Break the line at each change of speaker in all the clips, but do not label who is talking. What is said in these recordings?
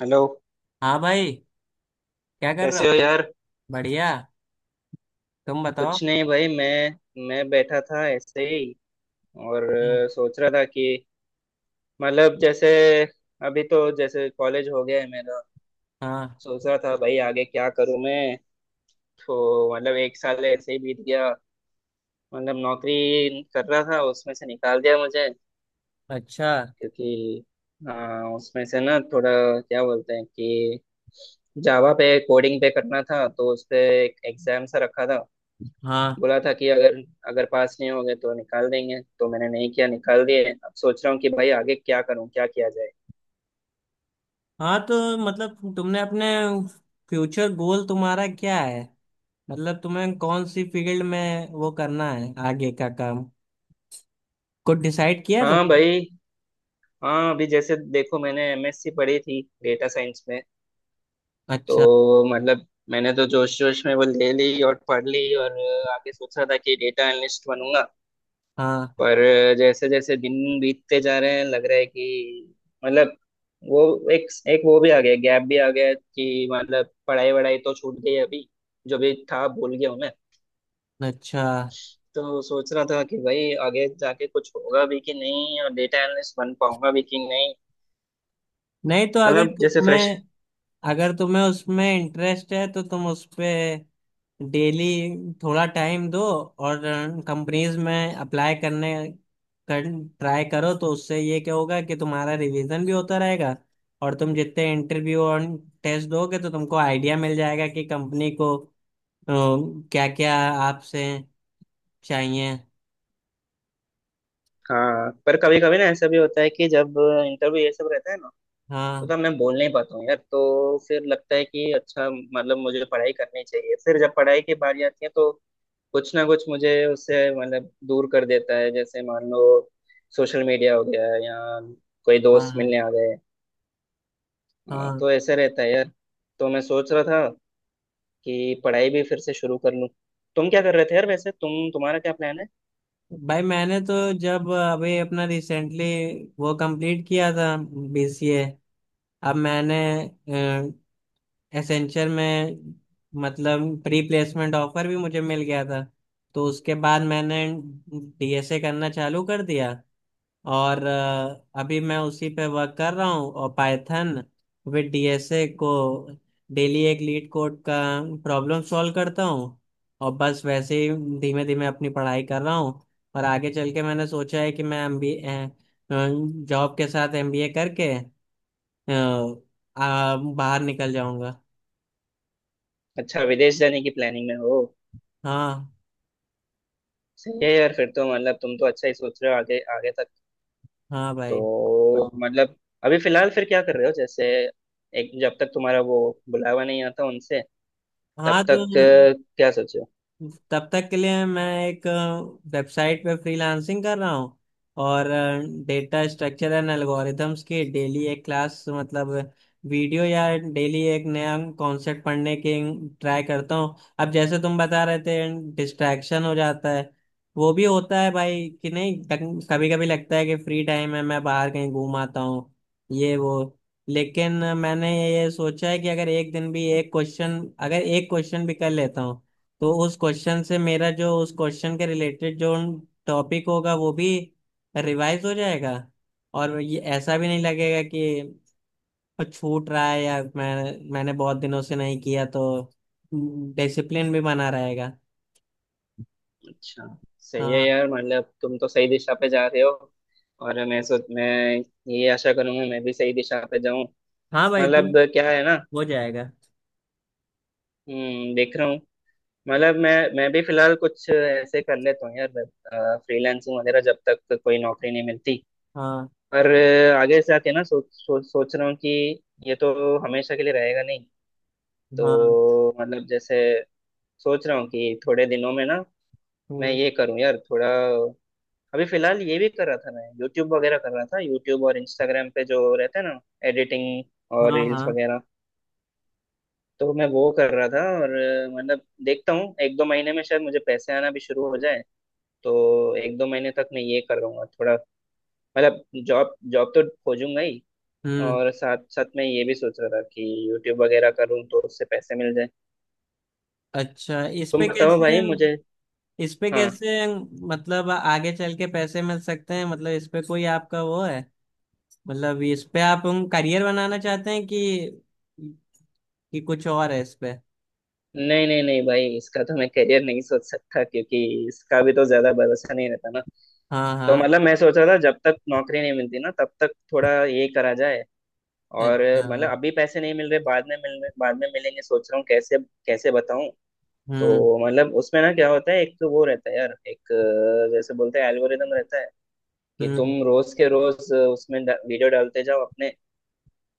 Hello.
हाँ भाई। क्या कर रहे
कैसे हो
हो?
यार?
बढ़िया। तुम बताओ।
कुछ नहीं भाई, मैं बैठा था ऐसे ही। और
हम्म।
सोच रहा था कि मतलब जैसे, अभी तो जैसे कॉलेज हो गया है मेरा।
हाँ।
सोच रहा था भाई, आगे क्या करूं मैं? तो मतलब एक साल ऐसे ही बीत गया। मतलब नौकरी कर रहा था, उसमें से निकाल दिया मुझे।
अच्छा।
क्योंकि अ, उसमें से ना थोड़ा, क्या बोलते हैं कि जावा पे कोडिंग पे करना था, तो उस पे एक एग्जाम सा रखा था।
हाँ।
बोला था कि अगर अगर पास नहीं होंगे तो निकाल देंगे, तो मैंने नहीं किया, निकाल दिए। अब सोच रहा हूँ कि भाई, आगे क्या करूँ, क्या किया जाए।
हाँ तो मतलब तुमने अपने फ्यूचर गोल तुम्हारा क्या है? मतलब तुम्हें कौन सी फील्ड में वो करना है आगे का काम? कुछ डिसाइड किया
हाँ
तुमने?
भाई। हाँ, अभी जैसे देखो, मैंने एमएससी पढ़ी थी डेटा साइंस में।
अच्छा।
तो मतलब मैंने तो जोश जोश में वो ले ली और पढ़ ली, और आगे सोचा था कि डेटा एनालिस्ट बनूंगा।
हाँ।
पर जैसे जैसे दिन बीतते जा रहे हैं, लग रहा है कि मतलब वो एक एक वो भी आ गया, गैप भी आ गया कि मतलब पढ़ाई वढ़ाई तो छूट गई अभी, जो भी था भूल गया हूँ मैं।
अच्छा।
तो सोच रहा था कि भाई, आगे जाके कुछ होगा भी कि नहीं, और डेटा एनालिस्ट बन पाऊंगा भी कि नहीं।
नहीं तो
मतलब जैसे फ्रेश।
अगर तुम्हें उसमें इंटरेस्ट है तो तुम उस पे डेली थोड़ा टाइम दो और कंपनीज में अप्लाई करने कर ट्राई करो तो उससे ये क्या होगा कि तुम्हारा रिवीजन भी होता रहेगा और तुम जितने इंटरव्यू और टेस्ट दोगे तो तुमको आइडिया मिल जाएगा कि कंपनी को क्या क्या आपसे चाहिए।
हाँ, पर कभी कभी ना ऐसा भी होता है कि जब इंटरव्यू ये सब रहता है ना, तो,
हाँ
तो मैं बोल नहीं पाता हूँ यार, तो फिर लगता है कि अच्छा, मतलब मुझे पढ़ाई करनी चाहिए, फिर जब पढ़ाई की बारी आती है तो कुछ ना कुछ मुझे उससे मतलब दूर कर देता है। जैसे मान लो, सोशल मीडिया हो गया, या कोई दोस्त
हाँ।
मिलने आ गए, हाँ,
हाँ
तो ऐसे रहता है यार। तो मैं सोच रहा था कि पढ़ाई भी फिर से शुरू कर लूँ। तुम क्या कर रहे थे यार वैसे, तुम्हारा क्या प्लान है?
भाई मैंने तो जब अभी अपना रिसेंटली वो कंप्लीट किया था बीसीए। अब मैंने एसेंचर में मतलब प्री प्लेसमेंट ऑफर भी मुझे मिल गया था तो उसके बाद मैंने डीएसए करना चालू कर दिया और अभी मैं उसी पे वर्क कर रहा हूँ और पाइथन विद डीएसए को डेली एक लीड कोड का प्रॉब्लम सॉल्व करता हूँ और बस वैसे ही धीमे धीमे अपनी पढ़ाई कर रहा हूँ। और आगे चल के मैंने सोचा है कि मैं एमबीए जॉब के साथ एमबीए करके अ, बाहर निकल जाऊंगा।
अच्छा, विदेश जाने की प्लानिंग में हो?
हाँ।
सही है यार, फिर तो मतलब तुम तो अच्छा ही सोच रहे हो आगे आगे तक।
हाँ भाई।
तो मतलब, अभी फिलहाल फिर क्या कर रहे हो जैसे, एक जब तक तुम्हारा वो बुलावा नहीं आता उनसे,
हाँ
तब
तो
तक क्या सोचे हो?
तब तक के लिए मैं एक वेबसाइट पे फ्रीलांसिंग कर रहा हूँ और डेटा स्ट्रक्चर एंड एल्गोरिथम्स की डेली एक क्लास मतलब वीडियो या डेली एक नया कॉन्सेप्ट पढ़ने की ट्राई करता हूँ। अब जैसे तुम बता रहे थे डिस्ट्रैक्शन हो जाता है, वो भी होता है भाई कि नहीं? कभी कभी लगता है कि फ्री टाइम है, मैं बाहर कहीं घूम आता हूँ ये वो। लेकिन मैंने ये सोचा है कि अगर एक दिन भी एक क्वेश्चन अगर एक क्वेश्चन भी कर लेता हूँ तो उस क्वेश्चन से मेरा जो उस क्वेश्चन के रिलेटेड जो टॉपिक होगा वो भी रिवाइज हो जाएगा। और ये ऐसा भी नहीं लगेगा कि छूट रहा है या मैंने बहुत दिनों से नहीं किया, तो डिसिप्लिन भी बना रहेगा।
अच्छा। सही है
हाँ।
यार, मतलब तुम तो सही दिशा पे जा रहे हो। और मैं ये आशा करूंगा मैं भी सही दिशा पे जाऊं।
हाँ भाई तू
मतलब क्या है ना।
हो जाएगा।
देख रहा हूँ। मतलब मैं भी फिलहाल कुछ ऐसे कर लेता हूँ यार, फ्रीलांसिंग वगैरह, जब तक कोई नौकरी नहीं मिलती।
हाँ।
पर आगे से आके ना सोच सोच सोच रहा हूँ कि ये तो हमेशा के लिए रहेगा नहीं।
हाँ।
तो मतलब जैसे, सोच रहा हूँ कि थोड़े दिनों में ना मैं
हम्म।
ये करूँ यार थोड़ा। अभी फिलहाल ये भी कर रहा था, मैं यूट्यूब वगैरह कर रहा था, यूट्यूब और इंस्टाग्राम पे जो रहता है ना, एडिटिंग और
हाँ।
रील्स
हाँ।
वगैरह। तो मैं वो कर रहा था, और मतलब देखता हूँ एक दो महीने में शायद मुझे पैसे आना भी शुरू हो जाए। तो एक दो महीने तक मैं ये करूँगा थोड़ा। मतलब जॉब जॉब तो खोजूंगा ही,
हम्म।
और साथ साथ में ये भी सोच रहा था कि यूट्यूब वगैरह करूँ तो उससे पैसे मिल जाए।
अच्छा, इस
तुम
पे
बताओ
कैसे?
भाई मुझे।
इस पे
हाँ।
कैसे? मतलब आगे चल के पैसे मिल सकते हैं? मतलब इस पे कोई आपका वो है? मतलब इस पे आप हम करियर बनाना चाहते हैं कि कुछ और है इस पे?
नहीं नहीं नहीं भाई, इसका तो मैं करियर नहीं सोच सकता, क्योंकि इसका भी तो ज्यादा भरोसा नहीं रहता ना।
हाँ।
तो
हाँ।
मतलब मैं सोच रहा था जब तक नौकरी नहीं मिलती ना, तब तक थोड़ा ये करा जाए। और मतलब
अच्छा।
अभी पैसे नहीं मिल रहे, बाद में मिलेंगे, सोच रहा हूँ कैसे कैसे बताऊं।
हम्म।
तो मतलब उसमें ना क्या होता है, एक तो वो रहता है यार, एक जैसे बोलते हैं एल्गोरिदम रहता है कि
हम्म।
तुम रोज के रोज उसमें वीडियो डालते जाओ अपने,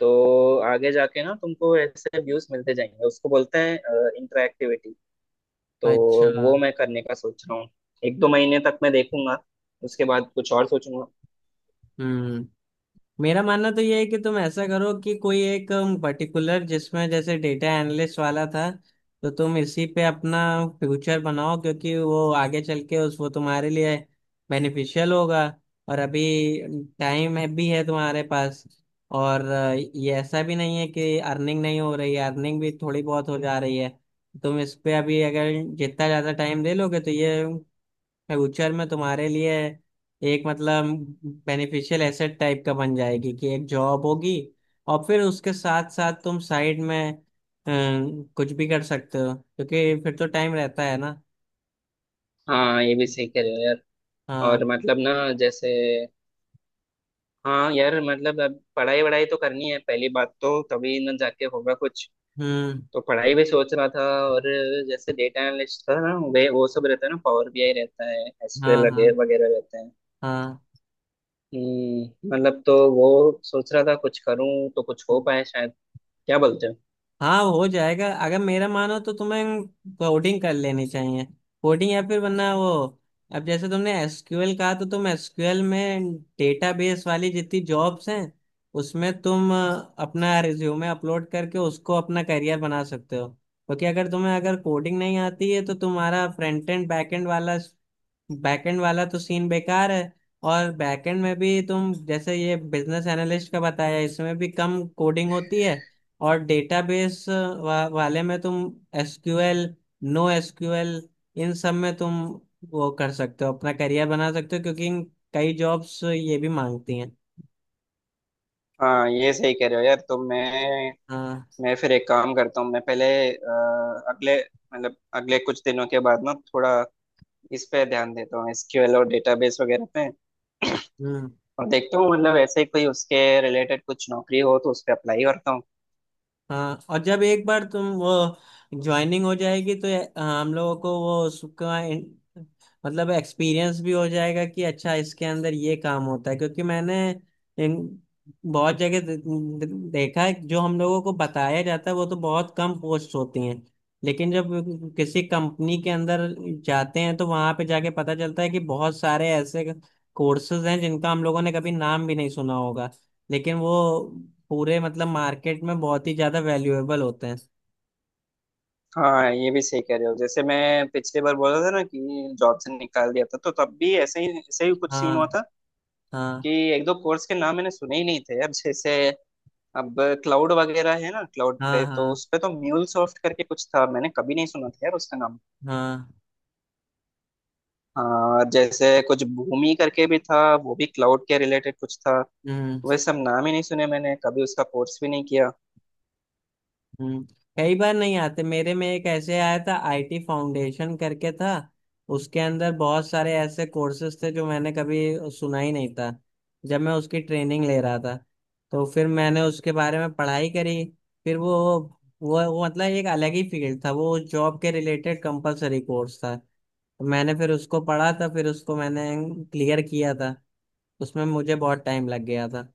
तो आगे जाके ना तुमको ऐसे व्यूज मिलते जाएंगे, उसको बोलते हैं इंटरएक्टिविटी। तो
अच्छा।
वो मैं करने का सोच रहा हूँ, एक दो महीने तक मैं देखूंगा, उसके बाद कुछ और सोचूंगा।
हम्म। मेरा मानना तो ये है कि तुम ऐसा करो कि कोई एक पर्टिकुलर जिसमें जैसे डेटा एनालिस्ट वाला था तो तुम इसी पे अपना फ्यूचर बनाओ क्योंकि वो आगे चल के उस वो तुम्हारे लिए बेनिफिशियल होगा। और अभी टाइम है तुम्हारे पास। और ये ऐसा भी नहीं है कि अर्निंग नहीं हो रही है, अर्निंग भी थोड़ी बहुत हो जा रही है। तुम इस पे अभी अगर जितना ज़्यादा टाइम दे लोगे तो ये फ्यूचर में तुम्हारे लिए एक मतलब बेनिफिशियल एसेट टाइप का बन जाएगी कि एक जॉब होगी। और फिर उसके साथ साथ तुम साइड में कुछ भी कर सकते हो क्योंकि फिर तो टाइम रहता है ना।
हाँ ये भी सही कह रहे हो यार। और
हाँ।
मतलब ना जैसे, हाँ यार मतलब अब पढ़ाई वढ़ाई तो करनी है पहली बात, तो तभी ना जाके होगा कुछ।
हम्म।
तो पढ़ाई भी सोच रहा था, और जैसे डेटा एनालिस्ट था ना, वे वो सब रहता है ना, पावर बीआई रहता है,
हाँ।
एसक्यूएल
हाँ।
वगैरह वगैरह रहते हैं।
हाँ।
मतलब तो वो सोच रहा था कुछ करूं तो कुछ हो पाए शायद, क्या बोलते हो?
हाँ हो जाएगा। अगर मेरा मानो तो तुम्हें कोडिंग कर लेनी चाहिए। कोडिंग या फिर वरना वो अब जैसे तुमने एसक्यूएल कहा तो तुम एसक्यूएल में डेटाबेस वाली जितनी जॉब्स हैं उसमें तुम अपना रिज्यूमे अपलोड करके उसको अपना करियर बना सकते हो। क्योंकि अगर तुम्हें अगर कोडिंग नहीं आती है तो तुम्हारा फ्रंट एंड बैक एंड वाला बैकएंड वाला तो सीन बेकार है। और बैकएंड में भी तुम जैसे ये बिजनेस एनालिस्ट का बताया इसमें भी कम कोडिंग होती है। और डेटाबेस वाले में तुम एसक्यूएल, नो एसक्यूएल इन सब में तुम वो कर सकते हो, अपना करियर बना सकते हो क्योंकि कई जॉब्स ये भी मांगती हैं।
हाँ ये सही कह रहे हो यार, तो
हाँ।
मैं फिर एक काम करता हूँ, मैं पहले अगले मतलब अगले कुछ दिनों के बाद ना थोड़ा इस पे ध्यान देता हूँ, एसक्यूएल और डेटाबेस वगैरह पे,
हम्म।
और देखता हूँ मतलब ऐसे ही कोई उसके रिलेटेड कुछ नौकरी हो तो उस पे अप्लाई करता हूँ।
हाँ। और जब एक बार तुम वो ज्वाइनिंग हो जाएगी तो हाँ, हम लोगों को वो उसका मतलब एक्सपीरियंस भी हो जाएगा कि अच्छा इसके अंदर ये काम होता है। क्योंकि मैंने इन बहुत जगह दे- दे- देखा है जो हम लोगों को बताया जाता है वो तो बहुत कम पोस्ट होती हैं, लेकिन जब किसी कंपनी के अंदर जाते हैं तो वहां पे जाके पता चलता है कि बहुत सारे ऐसे कोर्सेज हैं जिनका हम लोगों ने कभी नाम भी नहीं सुना होगा लेकिन वो पूरे मतलब मार्केट में बहुत ही ज्यादा वैल्यूएबल होते हैं।
हाँ ये भी सही कह रहे हो। जैसे मैं पिछली बार बोला था ना कि जॉब से निकाल दिया था, तो तब भी ऐसे ही कुछ सीन हुआ
हाँ।
था कि
हाँ।
एक दो कोर्स के नाम मैंने सुने ही नहीं थे। अब जैसे, अब क्लाउड वगैरह है ना, क्लाउड
हाँ
पे तो
हाँ
उस पे तो म्यूल सॉफ्ट करके कुछ था, मैंने कभी नहीं सुना था यार उसका नाम।
हाँ
हाँ, जैसे कुछ भूमि करके भी था, वो भी क्लाउड के रिलेटेड कुछ था।
हम्म
वह सब नाम ही नहीं सुने मैंने, कभी उसका कोर्स भी नहीं किया।
हम्म। कई बार नहीं आते। मेरे में एक ऐसे आया था, आईटी फाउंडेशन करके था। उसके अंदर बहुत सारे ऐसे कोर्सेज थे जो मैंने कभी सुना ही नहीं था। जब मैं उसकी ट्रेनिंग ले रहा था तो फिर मैंने उसके बारे में पढ़ाई करी। फिर वो मतलब एक अलग ही फील्ड था, वो जॉब के रिलेटेड कंपलसरी कोर्स था। तो मैंने फिर उसको पढ़ा था, फिर उसको मैंने क्लियर किया था। उसमें मुझे बहुत टाइम लग गया था।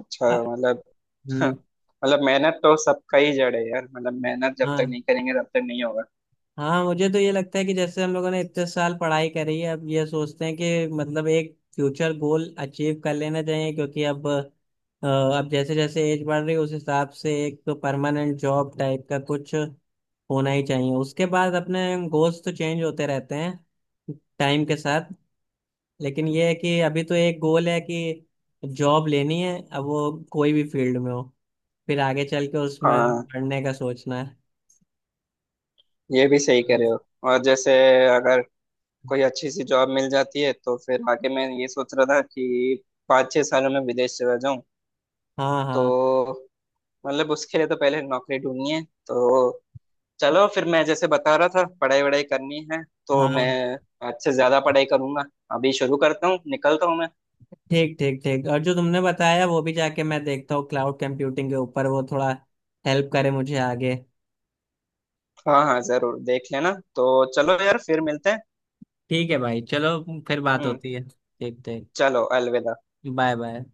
अच्छा।
आ-
मतलब
हम्म।
मतलब मेहनत तो सबका ही जड़ है यार, मतलब मेहनत जब तक
हाँ।
नहीं करेंगे तब तक नहीं होगा।
हाँ मुझे तो ये लगता है कि जैसे हम लोगों ने इतने साल पढ़ाई करी है अब ये सोचते हैं कि मतलब एक फ्यूचर गोल अचीव कर लेना चाहिए क्योंकि अब जैसे जैसे एज बढ़ रही है उस हिसाब से एक तो परमानेंट जॉब टाइप का कुछ होना ही चाहिए। उसके बाद अपने गोल्स तो चेंज होते रहते हैं टाइम के साथ। लेकिन ये है कि अभी तो एक गोल है कि जॉब लेनी है, अब वो कोई भी फील्ड में हो, फिर आगे चल के उसमें
हाँ
पढ़ने का सोचना है।
ये भी सही कह रहे हो। और जैसे, अगर कोई अच्छी सी जॉब मिल जाती है तो फिर आगे मैं ये सोच रहा था कि 5-6 सालों में विदेश चला जाऊं।
हाँ।
तो
हाँ
मतलब उसके लिए तो पहले नौकरी ढूंढनी है, तो चलो फिर, मैं जैसे बता रहा था, पढ़ाई वढ़ाई करनी है, तो
हाँ
मैं आज से ज्यादा पढ़ाई करूंगा। अभी शुरू करता हूँ, निकलता हूँ मैं।
ठीक ठीक ठीक। और जो तुमने बताया वो भी जाके मैं देखता हूँ, क्लाउड कंप्यूटिंग के ऊपर, वो थोड़ा हेल्प करे मुझे आगे।
हाँ हाँ, जरूर देख लेना। तो चलो यार, फिर मिलते हैं।
ठीक है भाई चलो, फिर बात
हम्म,
होती है। ठीक ठीक।
चलो। अलविदा।
Bye bye.